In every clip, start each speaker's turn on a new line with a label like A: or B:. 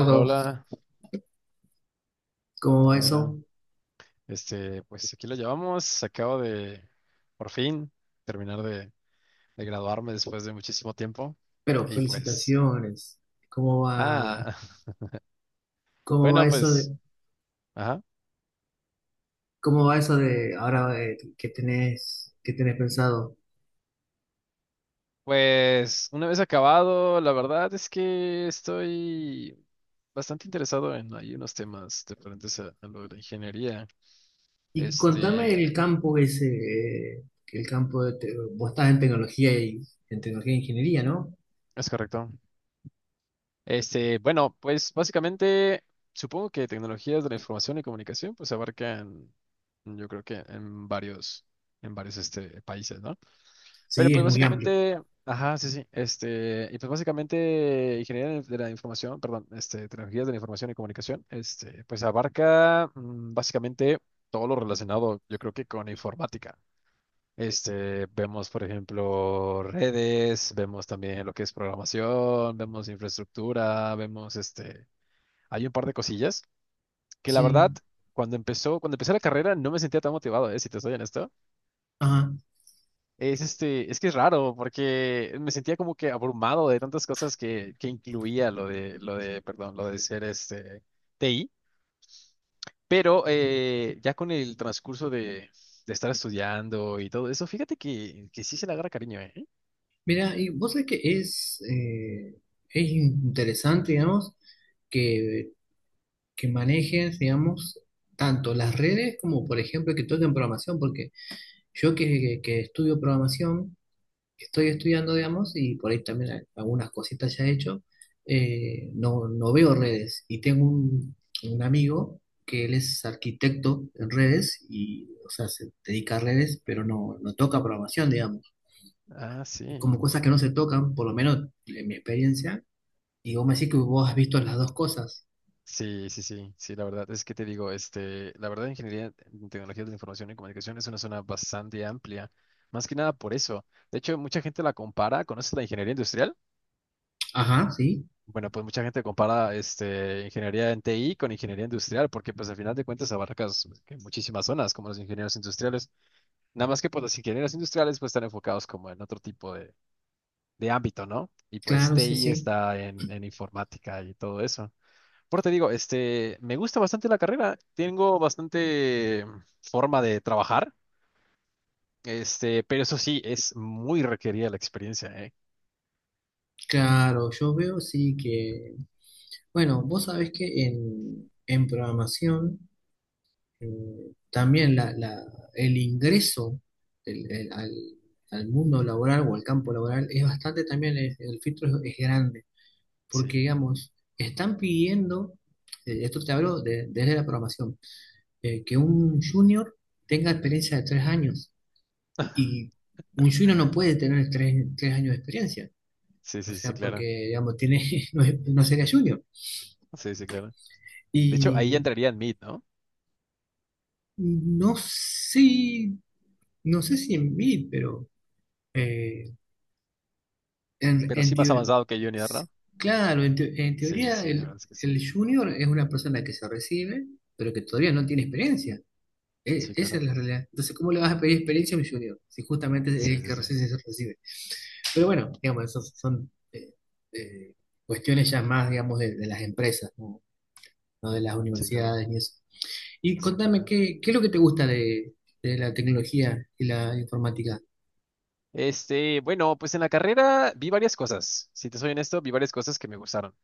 A: Hola, hola,
B: ¿cómo va
A: hola, hola.
B: eso?
A: Pues aquí lo llevamos. Acabo de, por fin, terminar de graduarme después de muchísimo tiempo.
B: Pero
A: Y pues,
B: felicitaciones. ¿Cómo va,
A: ah,
B: cómo va
A: bueno,
B: eso
A: pues,
B: de,
A: ajá.
B: cómo va eso de ahora que tenés pensado?
A: Pues una vez acabado, la verdad es que estoy bastante interesado en hay unos temas diferentes a lo de la ingeniería.
B: Y contame
A: Este,
B: el campo ese, eh, el campo de, vos estás en tecnología y en tecnología e ingeniería, ¿no?
A: es correcto. Bueno, pues básicamente supongo que tecnologías de la información y comunicación pues abarcan, yo creo que en varios países, ¿no? Pero
B: Sí,
A: pues
B: es muy amplio.
A: básicamente, ajá, sí, sí, y pues básicamente ingeniería de la información, perdón, este, tecnologías de la información y comunicación, este, pues abarca básicamente todo lo relacionado, yo creo que con informática. Vemos, por ejemplo, redes, vemos también lo que es programación, vemos infraestructura, vemos hay un par de cosillas que la verdad,
B: Sí.
A: cuando empecé la carrera no me sentía tan motivado, si te soy honesto.
B: Ajá.
A: Es que es raro porque me sentía como que abrumado de tantas cosas que incluía perdón, lo de ser TI, pero ya con el transcurso de estar estudiando y todo eso, fíjate que sí se le agarra cariño, ¿eh?
B: Mira, y vos sabés que es interesante, digamos, que, que manejes, digamos, tanto las redes como, por ejemplo, que toquen programación, porque yo que estudio programación, que estoy estudiando, digamos, y por ahí también algunas cositas ya he hecho, no, no veo redes. Y tengo un amigo que él es arquitecto en redes y, o sea, se dedica a redes, pero no, no toca programación, digamos.
A: Ah, sí.
B: Como cosas que no se tocan, por lo menos en mi experiencia. Y vos me decís que vos has visto las dos cosas.
A: Sí, sí, sí, sí, la verdad es que te digo, la verdad, ingeniería en tecnologías de la información y comunicación es una zona bastante amplia, más que nada por eso. De hecho, mucha gente la compara. ¿Conoces la ingeniería industrial?
B: Ajá, sí,
A: Bueno, pues mucha gente compara, ingeniería en TI con ingeniería industrial, porque pues al final de cuentas abarcas pues, que muchísimas zonas, como los ingenieros industriales. Nada más que pues los ingenieros industriales pues están enfocados como en otro tipo de ámbito, ¿no? Y pues
B: claro, sí,
A: TI
B: sí.
A: está en informática y todo eso. Por te digo, me gusta bastante la carrera, tengo bastante forma de trabajar, pero eso sí, es muy requerida la experiencia, ¿eh?
B: Claro, yo veo sí que... Bueno, vos sabés que en programación también el ingreso del- el- al, al mundo laboral o al campo laboral es bastante también, el filtro es grande, porque
A: Sí,
B: digamos, están pidiendo, esto te hablo desde la programación, que un junior tenga experiencia de 3 años y un junior no puede tener 3, 3 años de experiencia,
A: sí,
B: o
A: sí, sí,
B: sea,
A: claro,
B: porque digamos, tiene, no, no sería junior.
A: sí, sí, claro. De hecho, ahí ya
B: Y
A: entraría en Mid, ¿no?
B: no sé, no sé si en mí, pero... eh, En,
A: Pero
B: en
A: sí más
B: teo-
A: avanzado que Junior, ¿no?
B: claro, en
A: Sí,
B: teoría
A: sí, la verdad es que sí,
B: el junior es una persona que se recibe, pero que todavía no tiene experiencia.
A: sí,
B: Esa
A: claro,
B: es la realidad. Entonces, ¿cómo le vas a pedir experiencia a un junior? Si justamente
A: sí,
B: es el
A: sí,
B: que
A: sí,
B: recién se recibe. Pero bueno, digamos, esas son eh, cuestiones ya más, digamos, de las empresas, ¿no? No de las
A: sí, claro,
B: universidades ni eso. Y
A: sí,
B: contame,
A: claro.
B: ¿qué, qué es lo que te gusta de la tecnología y la informática?
A: Bueno, pues en la carrera vi varias cosas, si te soy honesto, vi varias cosas que me gustaron.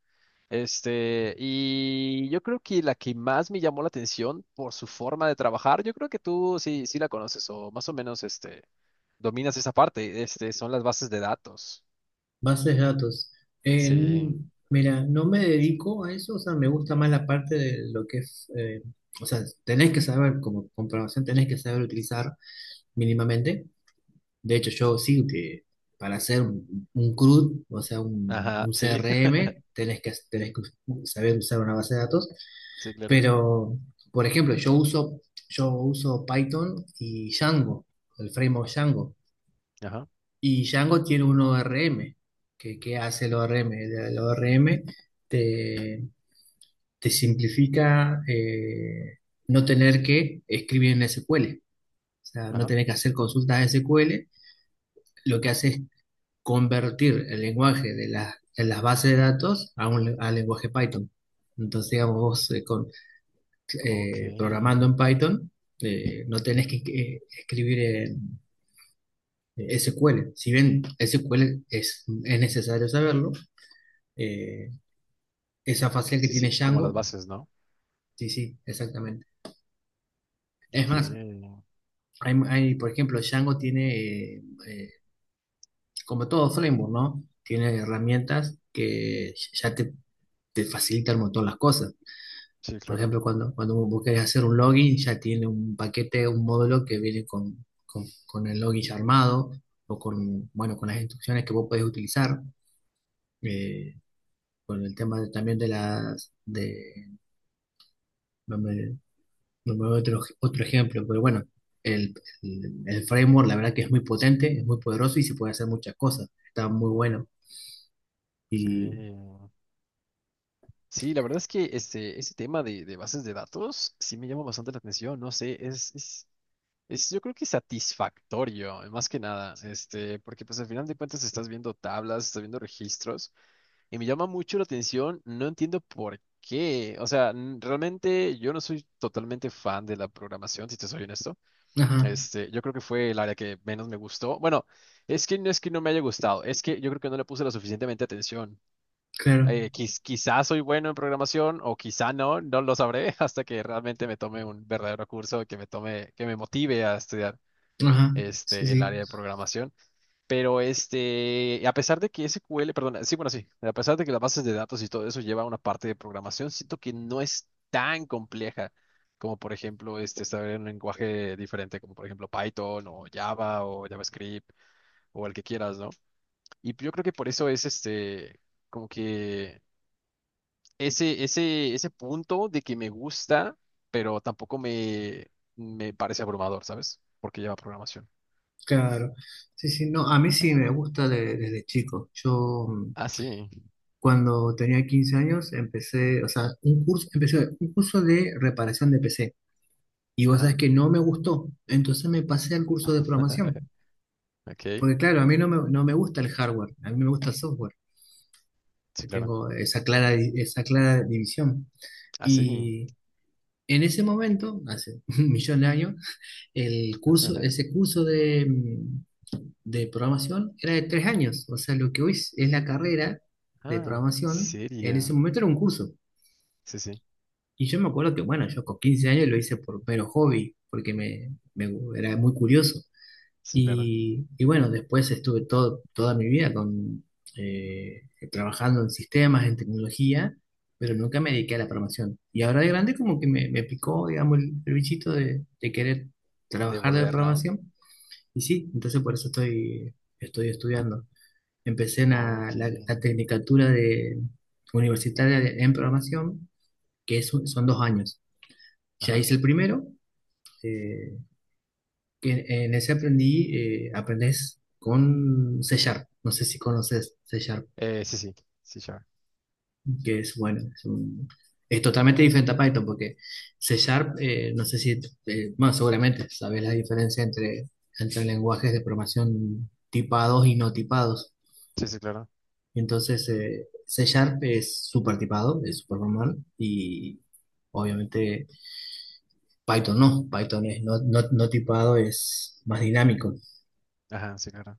A: Y yo creo que la que más me llamó la atención por su forma de trabajar, yo creo que tú sí, sí la conoces o más o menos dominas esa parte, son las bases de datos.
B: Bases de datos.
A: Sí,
B: Mira, no me dedico a eso, o sea, me gusta más la parte de lo que es, o sea, tenés que saber, como comprobación, tenés que saber utilizar mínimamente. De hecho, yo sí que para hacer un CRUD, o sea,
A: ajá,
B: un
A: sí,
B: CRM, tenés que saber usar una base de datos.
A: sí, claro.
B: Pero, por ejemplo, yo uso Python y Django, el framework Django.
A: Ajá,
B: Y Django tiene un ORM. Que hace el ORM? El ORM te, te simplifica no tener que escribir en SQL. O sea, no
A: ajá.
B: tener que hacer consultas de SQL. Lo que hace es convertir el lenguaje de las bases de datos a un al lenguaje Python. Entonces, digamos, vos con,
A: Ok.
B: programando en
A: Sí,
B: Python, no tenés que escribir en SQL. Si bien SQL es necesario saberlo, eh, esa facial que tiene
A: sí, como las
B: Django.
A: bases, ¿no?
B: Sí, sí, exactamente. Es
A: Ok,
B: más, hay, por ejemplo, Django tiene, eh, como todo framework, ¿no? Tiene herramientas que ya te facilitan un montón las cosas.
A: sí,
B: Por
A: claro.
B: ejemplo, cuando, cuando vos querés hacer un login, ya tiene un paquete, un módulo que viene con el login ya armado o con, bueno, con las instrucciones que vos podés utilizar. eh, con el tema también de las, de, no me veo otro, otro ejemplo, pero bueno, el, el framework la verdad que es muy potente, es muy poderoso y se puede hacer muchas cosas. Está muy bueno.
A: Ok.
B: Y,
A: Sí, la verdad es que ese tema de bases de datos sí me llama bastante la atención, no sé, es, yo creo que satisfactorio, más que nada, porque pues al final de cuentas estás viendo tablas, estás viendo registros, y me llama mucho la atención, no entiendo por qué, o sea, realmente yo no soy totalmente fan de la programación, si te soy honesto,
B: ajá,
A: yo creo que fue el área que menos me gustó, bueno, es que no me haya gustado, es que yo creo que no le puse lo suficientemente atención.
B: claro,
A: Quizás soy bueno en programación o quizá no, no lo sabré hasta que realmente me tome un verdadero curso que me tome, que me motive a estudiar
B: ajá, sí,
A: el
B: sí,
A: área de programación. Pero a pesar de que SQL, perdón, sí, bueno, sí, a pesar de que las bases de datos y todo eso lleva una parte de programación, siento que no es tan compleja como, por ejemplo, saber un lenguaje diferente, como por ejemplo Python o Java o JavaScript o el que quieras, ¿no? Y yo creo que por eso es como que ese punto de que me gusta, pero tampoco me parece abrumador, ¿sabes? Porque lleva programación.
B: claro. Sí, sí, no, a mí sí me gusta desde chico. Yo
A: Ah, sí.
B: cuando tenía 15 años empecé, o sea, un curso, empecé un curso de reparación de PC. Y vos sabés
A: Ajá.
B: que no me gustó, entonces me pasé al curso de programación.
A: Ok,
B: Porque claro, a mí no me, no me gusta el hardware, a mí me gusta el software.
A: sí,
B: Yo
A: claro.
B: tengo esa clara división.
A: Ah, sí.
B: Y en ese momento, hace un millón de años, el curso, ese curso de, de programación era de 3 años. O sea, lo que hoy es la carrera de
A: Ah, ¿en
B: programación, en ese
A: serio?
B: momento era un curso.
A: Sí, sí,
B: Y yo me acuerdo que, bueno, yo con 15 años lo hice por mero hobby, porque era muy curioso.
A: sí, claro.
B: Y bueno, después estuve todo, toda mi vida con, eh, trabajando en sistemas, en tecnología, pero nunca me dediqué a la programación. Y ahora de grande como que me picó, digamos, el bichito de querer trabajar de
A: Devolver, ¿no?
B: programación. Y sí, entonces por eso estoy, estoy estudiando. Empecé en la,
A: Ok.
B: la tecnicatura de, universitaria en programación, que es son 2 años. Ya
A: Ajá.
B: hice el primero, eh, que en ese aprendí, aprendes con C Sharp. No sé si conoces C Sharp,
A: Sí, sí, sí, sure.
B: que es bueno, es, es totalmente diferente a Python, porque C Sharp, no sé si, bueno, seguramente sabes la diferencia entre, entre lenguajes de programación tipados y no tipados.
A: Sí, sí, claro.
B: Entonces, C Sharp es súper tipado, es súper formal, y obviamente Python no, Python es no, no tipado, es más dinámico.
A: Ajá, sí, claro.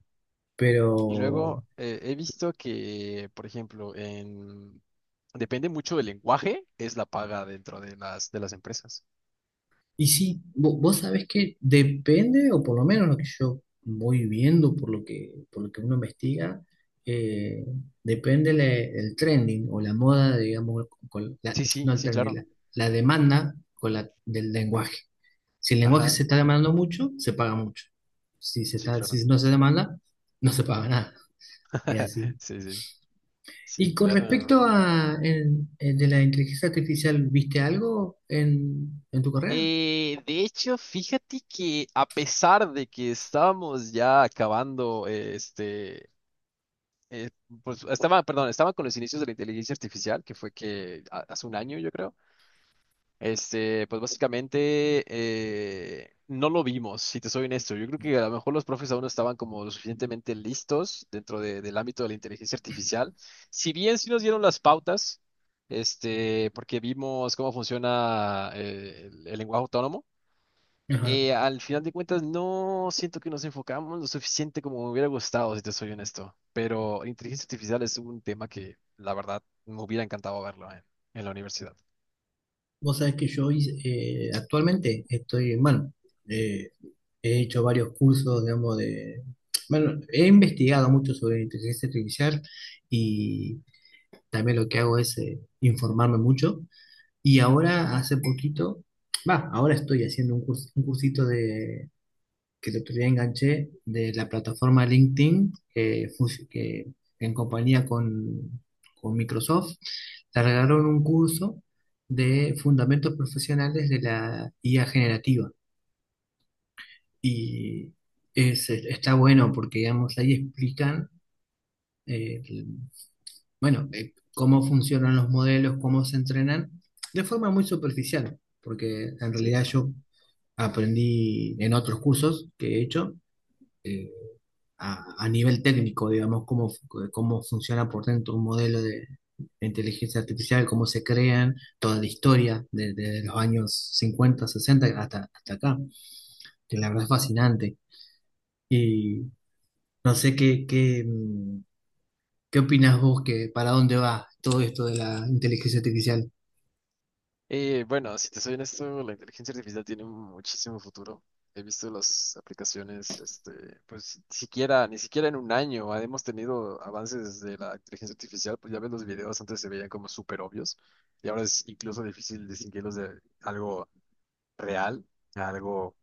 B: Pero
A: Y luego he visto que, por ejemplo, en... depende mucho del lenguaje, es la paga dentro de de las empresas.
B: y sí, vos sabés que depende, o por lo menos lo que yo voy viendo, por lo que uno investiga, eh, depende el trending o la moda, digamos, con la,
A: Sí, sí,
B: no el
A: sí,
B: trending,
A: claro.
B: la demanda con la, del lenguaje. Si el lenguaje se
A: Ajá,
B: está demandando mucho, se paga mucho. Si se
A: sí,
B: está,
A: claro.
B: si no se demanda, no se paga nada. Es así.
A: Sí, sí,
B: Y
A: sí,
B: con
A: claro.
B: respecto a el de la inteligencia artificial, ¿viste algo en tu carrera?
A: De hecho, fíjate que a pesar de que estábamos ya acabando, eh, pues estaba, perdón, estaba con los inicios de la inteligencia artificial, que fue que hace un año, yo creo, pues básicamente no lo vimos, si te soy honesto. Yo creo que a lo mejor los profes aún no estaban como lo suficientemente listos dentro del ámbito de la inteligencia artificial. Si bien sí nos dieron las pautas, porque vimos cómo funciona el lenguaje autónomo. Al final de cuentas, no siento que nos enfocamos lo suficiente como me hubiera gustado, si te soy honesto. Pero inteligencia artificial es un tema que, la verdad, me hubiera encantado verlo en la universidad.
B: Vos sabés que yo hice, actualmente estoy, bueno, eh, he hecho varios cursos, digamos, de, bueno, he investigado mucho sobre inteligencia artificial y también lo que hago es informarme mucho. Y ahora, hace poquito, va, ahora estoy haciendo un, un cursito que el otro día enganché de la plataforma LinkedIn, que, que en compañía con Microsoft, largaron un curso de fundamentos profesionales de la IA generativa. Y está bueno porque, digamos, ahí explican, eh, bueno, cómo funcionan los modelos, cómo se entrenan, de forma muy superficial, porque en
A: Sí,
B: realidad
A: claro.
B: yo aprendí en otros cursos que he hecho eh, a nivel técnico, digamos, cómo, cómo funciona por dentro un modelo de, inteligencia artificial, cómo se crean, toda la historia desde los años 50 60 hasta, hasta acá, que la verdad es fascinante. Y no sé qué, qué, qué opinas vos, que para dónde va todo esto de la inteligencia artificial.
A: Bueno, si te soy honesto, la inteligencia artificial tiene muchísimo futuro. He visto las aplicaciones, pues ni siquiera, ni siquiera en un año hemos tenido avances de la inteligencia artificial. Pues ya ves los videos, antes se veían como súper obvios y ahora es incluso difícil distinguirlos de algo real a algo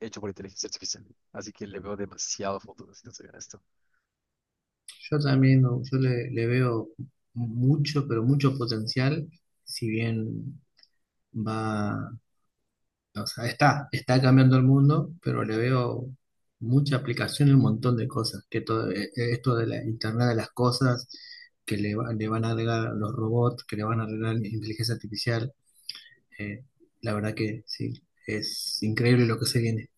A: hecho por inteligencia artificial. Así que le veo demasiado futuro, si no soy honesto.
B: Yo también, no, yo le, le veo mucho, pero mucho potencial, si bien va... O sea, está, está cambiando el mundo, pero le veo mucha aplicación y un montón de cosas, que todo esto de la Internet de las cosas, que le, le van a agregar los robots, que le van a agregar inteligencia artificial, eh, la verdad que sí, es increíble lo que se viene.